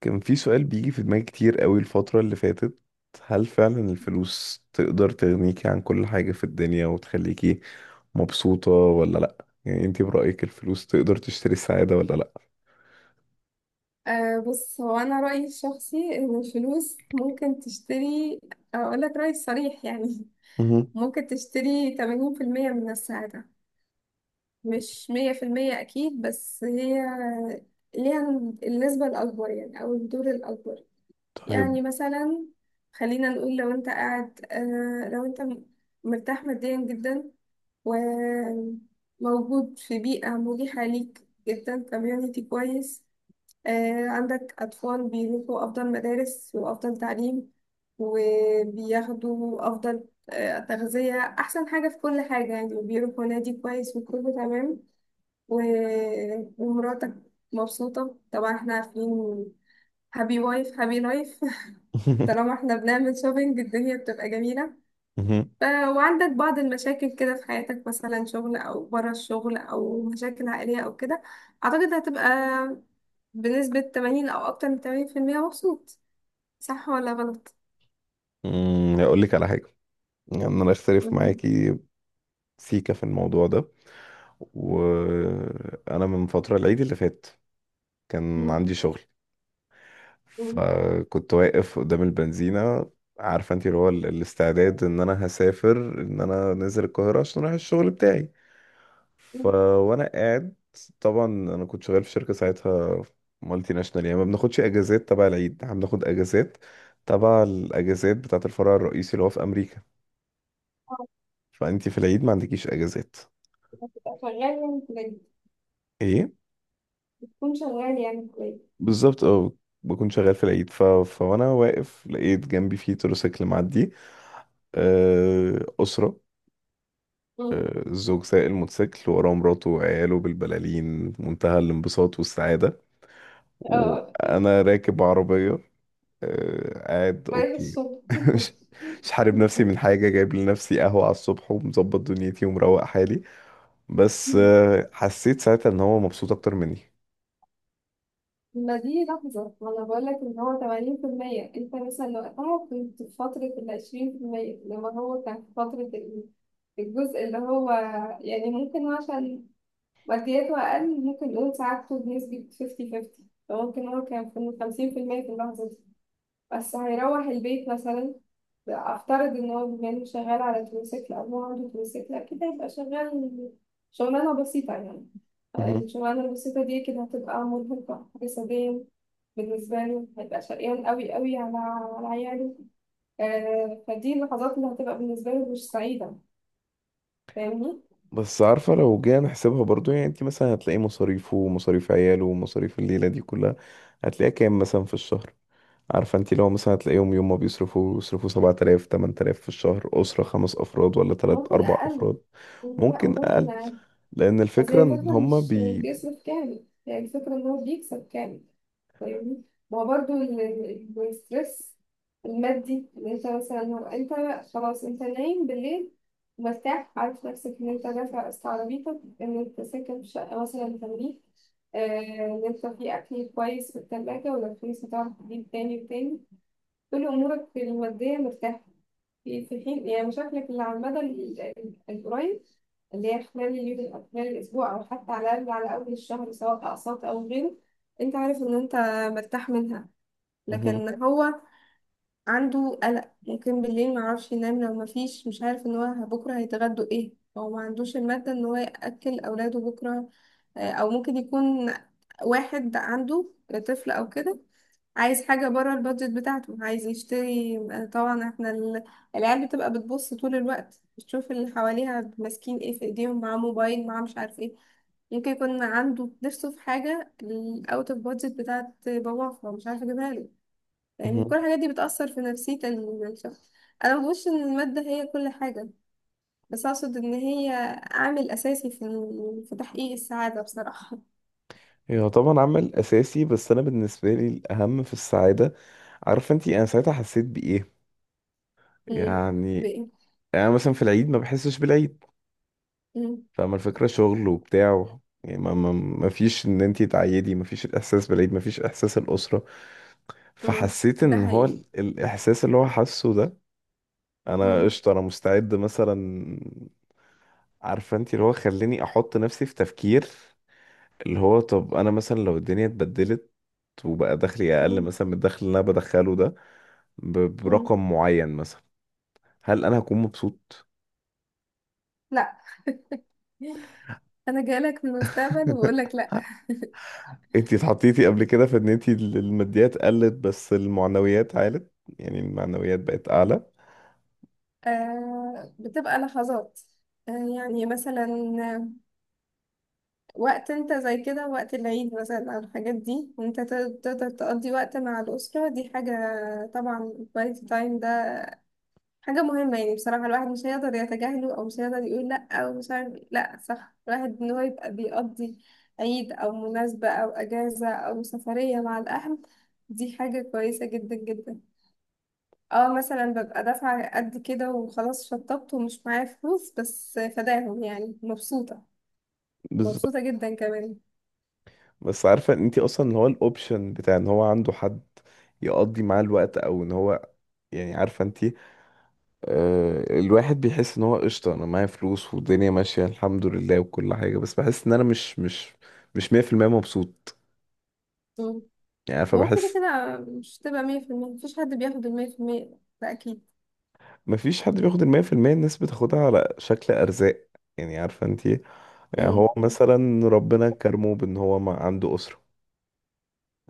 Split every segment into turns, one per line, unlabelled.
كان في سؤال بيجي في دماغي كتير قوي الفترة اللي فاتت. هل فعلا الفلوس تقدر تغنيكي عن كل حاجة في الدنيا وتخليكي مبسوطة ولا لأ؟ يعني انتي برأيك الفلوس تقدر تشتري السعادة ولا لأ؟
بص، هو أنا رأيي الشخصي إن الفلوس ممكن تشتري. أقول لك رأيي الصريح يعني.
مهم.
ممكن تشتري 80% من السعادة، مش 100% أكيد، بس هي ليها النسبة الأكبر يعني أو الدور الأكبر.
طيب.
يعني مثلا خلينا نقول لو أنت قاعد أه لو أنت م- مرتاح ماديا جدا، وموجود في بيئة مريحة ليك جدا، كوميونيتي كويس. عندك أطفال بيروحوا أفضل مدارس وأفضل تعليم وبياخدوا أفضل تغذية، أحسن حاجة في كل حاجة يعني، وبيروحوا نادي كويس وكله تمام. و- ومراتك مبسوطة طبعا، احنا عارفين هابي وايف هابي لايف. طالما احنا بنعمل شوبينج الدنيا بتبقى جميلة.
مهم.
وعندك بعض المشاكل كده في حياتك، مثلا شغل او بره الشغل او مشاكل عائلية او كده، اعتقد هتبقى بنسبة 80 او اكتر من 80% مبسوط. صح ولا غلط؟
مم، هقولك على حاجة. يعني أنا أختلف
مم.
معاكي سيكا في الموضوع ده. وأنا من فترة العيد اللي فات كان
مم.
عندي شغل،
مم.
فكنت واقف قدام البنزينة. عارفة انت اللي هو الاستعداد ان انا هسافر، ان انا نازل القاهرة عشان اروح الشغل بتاعي. ف
مم.
وانا قاعد، طبعا انا كنت شغال في شركة ساعتها مالتي ناشونال، يعني ما بناخدش اجازات تبع العيد، احنا بناخد اجازات تبع الاجازات بتاعة الفرع الرئيسي اللي هو في امريكا.
آه،
فانت في العيد ما عندكيش اجازات.
تبقى شغال يعني كويس.
ايه
تكون شغال يعني كويس.
بالظبط اه. بكون شغال في العيد ف... فوانا واقف لقيت جنبي في تروسيكل معدي. آه، أسرة.
مم.
آه، الزوج سايق الموتوسيكل وراه مراته وعياله بالبلالين في منتهى الانبساط والسعادة.
اه،
وأنا راكب عربية، آه، قاعد
مريح
أوكي.
الصبح.
مش مش حارب نفسي من حاجة، جايب لنفسي قهوة على الصبح ومظبط دنيتي ومروق حالي. بس آه، حسيت ساعتها إن هو مبسوط أكتر مني.
ما دي لحظة ما أنا بقولك إن هو تمانين في المية، أنت مثلا وقتها كنت في فترة العشرين في المية، لما هو كان في فترة الجزء اللي هو يعني ممكن عشان مادياته أقل، ممكن نقول ساعات بنسبة فيفتي فيفتي. فممكن هو كان في الخمسين في المية في اللحظة دي. بس هيروح البيت مثلا، افترض ان هو بما انه شغال على تروسيكل او هو عنده تروسيكل اكيد هيبقى شغال. شغلانه بسيطه يعني.
مهم.
الشغلانه البسيطه دي كده هتبقى مرهقه جسديا، بالنسبه له هيبقى شقيان قوي قوي على على عياله. آه، فدي اللحظات اللي هتبقى بالنسبه له مش سعيده، فاهمني.
بس عارفة لو جينا نحسبها برضو، يعني انت مثلا هتلاقي مصاريفه ومصاريف عياله ومصاريف الليلة دي كلها هتلاقيها كام مثلا في الشهر؟ عارفه انت لو مثلا هتلاقيهم يوم ما بيصرفوا، يصرفوا 7000 8000 في الشهر، اسره خمس افراد ولا ثلاث
ممكن
اربع
اقل.
افراد.
لا
ممكن
وممكن.
اقل، لان
بس هي
الفكره ان
الفكرة
هما
مش
بي.
بيصرف كامل، يعني الفكرة إن هو بيكسب كامل، فاهمني. ما هو برضه الستريس المادي اللي انت مثلا هو انت خلاص انت نايم بالليل مرتاح، عارف نفسك ان انت دافع قسط عربيتك، ان انت ساكن في شقة مثلا بتمليك، ان انت في اكل كويس في التلاجة، ولو فلوس هتعرف تجيب تاني وتاني. كل أمورك المادية مرتاحة، في في حين يعني مشاكلك اللي على المدى القريب اللي هي خلال اليوم أو خلال الأسبوع أو حتى على الأقل على أول الشهر، سواء أقساط أو غيره، أنت عارف إن أنت مرتاح منها.
مهم.
لكن هو عنده قلق ممكن بالليل معرفش ينام، لو مفيش، مش عارف إن هو بكرة هيتغدوا إيه، هو ما عندوش المادة إن هو يأكل أولاده بكرة. أو ممكن يكون واحد عنده طفل أو كده عايز حاجة بره البادجت بتاعته، عايز يشتري طبعا احنا العيال بتبقى بتبص طول الوقت، بتشوف اللي حواليها ماسكين ايه في ايديهم، معاه موبايل معاه مش عارف ايه. ممكن يكون عنده نفسه في حاجة الاوت اوف بادجت بتاعت باباه، فمش عارفة اجيبها له. يعني
مهم.
كل الحاجات دي بتأثر في نفسية الشخص. انا مبقولش ان المادة هي كل حاجة، بس اقصد ان هي عامل اساسي في في تحقيق السعادة بصراحة.
هي طبعا عمل اساسي، بس انا بالنسبه لي الاهم في السعاده. عارفه انت انا ساعتها حسيت بايه؟
مم.
يعني
بإيه؟
انا مثلا في العيد ما بحسش بالعيد،
مم.
فاهمه الفكره، شغل وبتاع. يعني ما فيش ان انت تعيدي، ما فيش الاحساس بالعيد، ما فيش احساس الاسره.
مم.
فحسيت
ده
ان هو
حقيقي.
الاحساس اللي هو حاسه ده، انا
مم.
قشطه انا مستعد مثلا. عارفه انت اللي هو خليني احط نفسي في تفكير، اللي هو طب انا مثلا لو الدنيا اتبدلت وبقى دخلي اقل
مم.
مثلا من الدخل اللي انا بدخله ده،
مم.
برقم معين مثلا، هل انا هكون مبسوط؟
لا، انا جايلك في المستقبل وبقول لك لا.
انت اتحطيتي قبل كده في ان انت الماديات قلت بس المعنويات عالت، يعني المعنويات بقت اعلى.
آه بتبقى لحظات، آه يعني مثلا وقت انت زي كده وقت العيد مثلا او الحاجات دي، وانت تقدر تقضي وقت مع الاسره، دي حاجه، طبعا الكواليتي تايم ده حاجه مهمه يعني. بصراحه الواحد مش هيقدر يتجاهله او مش هيقدر يقول لا او مش عارف إيه. لا صح، الواحد ان هو يبقى بيقضي عيد او مناسبه او اجازه او سفريه مع الاهل، دي حاجه كويسه جدا جدا. اه مثلا ببقى دافعة قد كده وخلاص شطبت ومش معايا فلوس بس فداهم يعني مبسوطة،
بالظبط.
مبسوطة جدا كمان.
بس عارفه ان انت اصلا اللي هو الاوبشن بتاع ان هو عنده حد يقضي معاه الوقت، او ان هو، يعني عارفه انت، آه، الواحد بيحس ان هو قشطة انا معايا فلوس والدنيا ماشية الحمد لله وكل حاجة، بس بحس ان انا مش مش 100% مبسوط.
مم.
يعني عارفة
ما هو كده
بحس.
كده مش تبقى مية في المية، مفيش حد بياخد المية في المية ده أكيد.
مفيش حد بياخد 100%، الناس بتاخدها على شكل ارزاق. يعني عارفة انتي، يعني
مم.
هو مثلا ربنا كرمه بان هو ما عنده اسرة،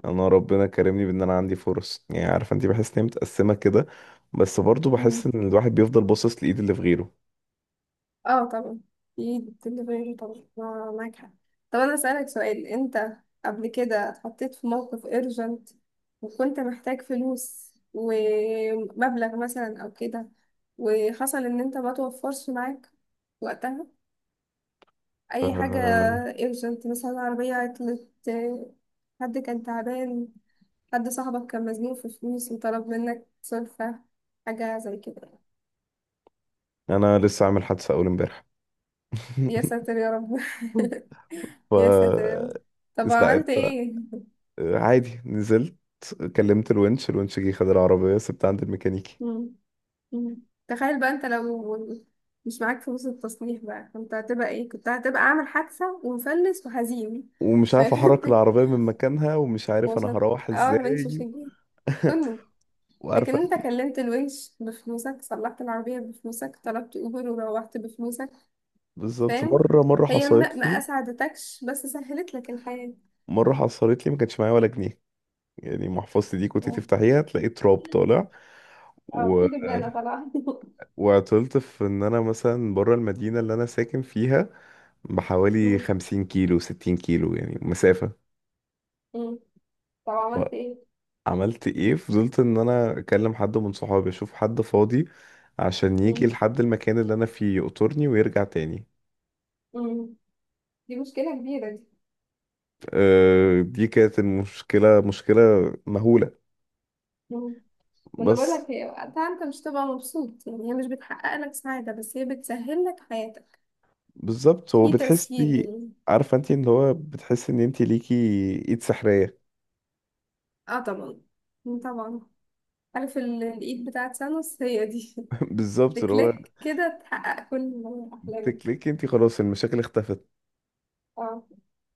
يعني انا ربنا كرمني بان انا عندي فرص، يعني عارفة انتي بحس ان هي متقسمة كده. بس برضو بحس
مم.
ان الواحد بيفضل باصص لايد اللي في غيره.
اه طبعا، اكيد الدليفري طبعا معاك حق. طب أنا أسألك سؤال، أنت قبل كده اتحطيت في موقف urgent وكنت محتاج فلوس ومبلغ مثلا أو كده، وحصل إن أنت ما توفرش معاك وقتها اي حاجه.
أه
ايرجنت مثلا عربيه عطلت، حد كان تعبان، حد صاحبك كان مزنوق في فلوس وطلب منك سلفة، حاجه زي كده.
انا لسه عامل حادثة اول امبارح.
يا ساتر يا رب.
ف
يا ساتر يا رب، طب
لا
عملت
انت.
ايه؟
آه، عادي نزلت، كلمت الونش، الونش جه خد العربية سبتها عند الميكانيكي.
مم. مم. تخيل بقى انت لو مش معاك فلوس التصليح بقى كنت هتبقى ايه، كنت هتبقى عامل حادثة ومفلس وهزيم.
ومش عارف احرك العربية من مكانها ومش عارف
مش
انا
هت...
هروح
اه البنش مش
ازاي.
هتجيب. كنا. لكن
وعارفة انت.
انت كلمت الونش بفلوسك، صلحت العربية بفلوسك، طلبت اوبر وروحت بفلوسك،
بالظبط.
فاهم. هي ما ما اسعدتكش بس سهلت لك الحياة.
مرة حصلت لي ما كانش معايا ولا جنيه، يعني محفظتي دي كنت
اه.
تفتحيها تلاقي تراب طالع.
اه
و...
في دبانة طبعا.
وعطلت في ان انا مثلا بره المدينة اللي انا ساكن فيها بحوالي
مم.
50 كيلو 60 كيلو يعني مسافة.
مم. طب
ف...
عملت ايه؟
عملت ايه؟ فضلت ان انا اكلم حد من صحابي اشوف حد فاضي عشان يجي
مم.
لحد المكان اللي انا فيه يقطرني ويرجع تاني.
مم. دي مشكلة كبيرة دي.
أه دي كانت المشكلة مهولة.
مم. ما انا بقول
بس
لك هي وقتها انت مش تبقى مبسوط يعني، هي مش بتحقق لك سعادة بس هي بتسهل لك حياتك،
بالظبط، هو
في تسهيل
بتحسي،
يعني.
عارفة انت ان هو بتحس ان انت ليكي ايد سحرية.
اه طبعا. مم، طبعا. عارف الايد بتاعت سانوس هي دي.
بالظبط، اللي هو
بكليك كده تحقق كل أحلامك.
تكليكي انت خلاص المشاكل اختفت.
اه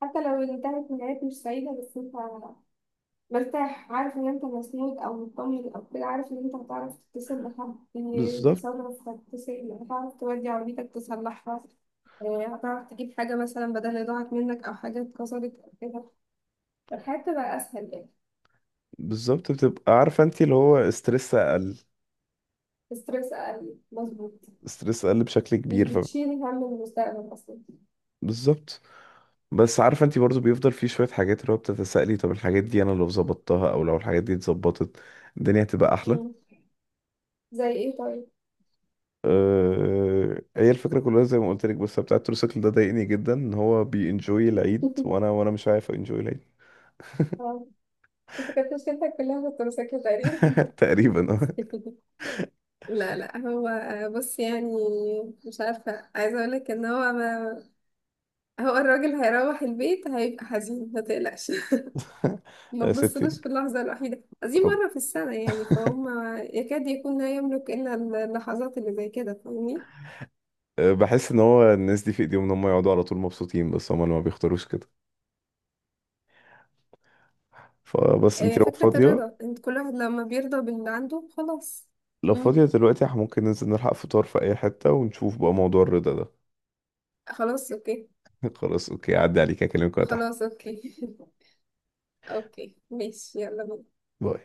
حتى لو انتهت نهاية مش سعيدة بس انت مرتاح، عارف ان انت مسنود او مطمن او كده، عارف ان انت هتعرف تتصل بحد
بالظبط
يتصرف، هتتصل هتعرف تودي عربيتك تصلحها، هتعرف تجيب حاجة مثلا بدل اللي ضاعت منك أو حاجة اتكسرت أو كده. الحياة تبقى أسهل يعني.
بالظبط بتبقى عارفة انت اللي هو استرس اقل.
ستريس أقل مظبوط،
استرس اقل بشكل
مش
كبير
بتشيل هم المستقبل أصلا.
بالظبط. بس عارفه انت برضو بيفضل في شويه حاجات اللي هو بتتسائلي طب الحاجات دي انا لو ظبطتها او لو الحاجات دي اتظبطت، الدنيا هتبقى احلى.
مم. زي إيه طيب؟
هي الفكره كلها زي ما قلت لك، بس بتاع التروسيكل ده ضايقني جدا ان هو بينجوي العيد وانا وانا مش عارف انجوي العيد.
اه أنت كانت مشكلتك كلها في التمساك تقريبا.
تقريبا اه.
لا لا، هو بص يعني مش عارفة عايزة اقولك ان هو ما هو الراجل هيروح البيت هيبقى حزين، ما تقلقش. ما
يا ستي
تبصلوش في اللحظة الوحيدة دي
رب.
مرة في السنة يعني فهم. يكاد يكون لا يملك إلا اللحظات اللي زي كده، فاهمني.
أه، بحس ان هو الناس دي في ايديهم ان هم يقعدوا على طول مبسوطين بس هم اللي ما بيختاروش كده. فبس انت لو
فكرة
فاضيه،
الرضا، انت كل واحد لما بيرضى باللي عنده خلاص.
لو
مم.
فاضيه دلوقتي احنا ممكن ننزل نلحق فطار في اي حته ونشوف بقى موضوع الرضا ده.
خلاص اوكي.
خلاص اوكي، عدي عليك اكلمك وأنا تحت.
خلاص اوكي. اوكي ماشي يلا بينا.
باي.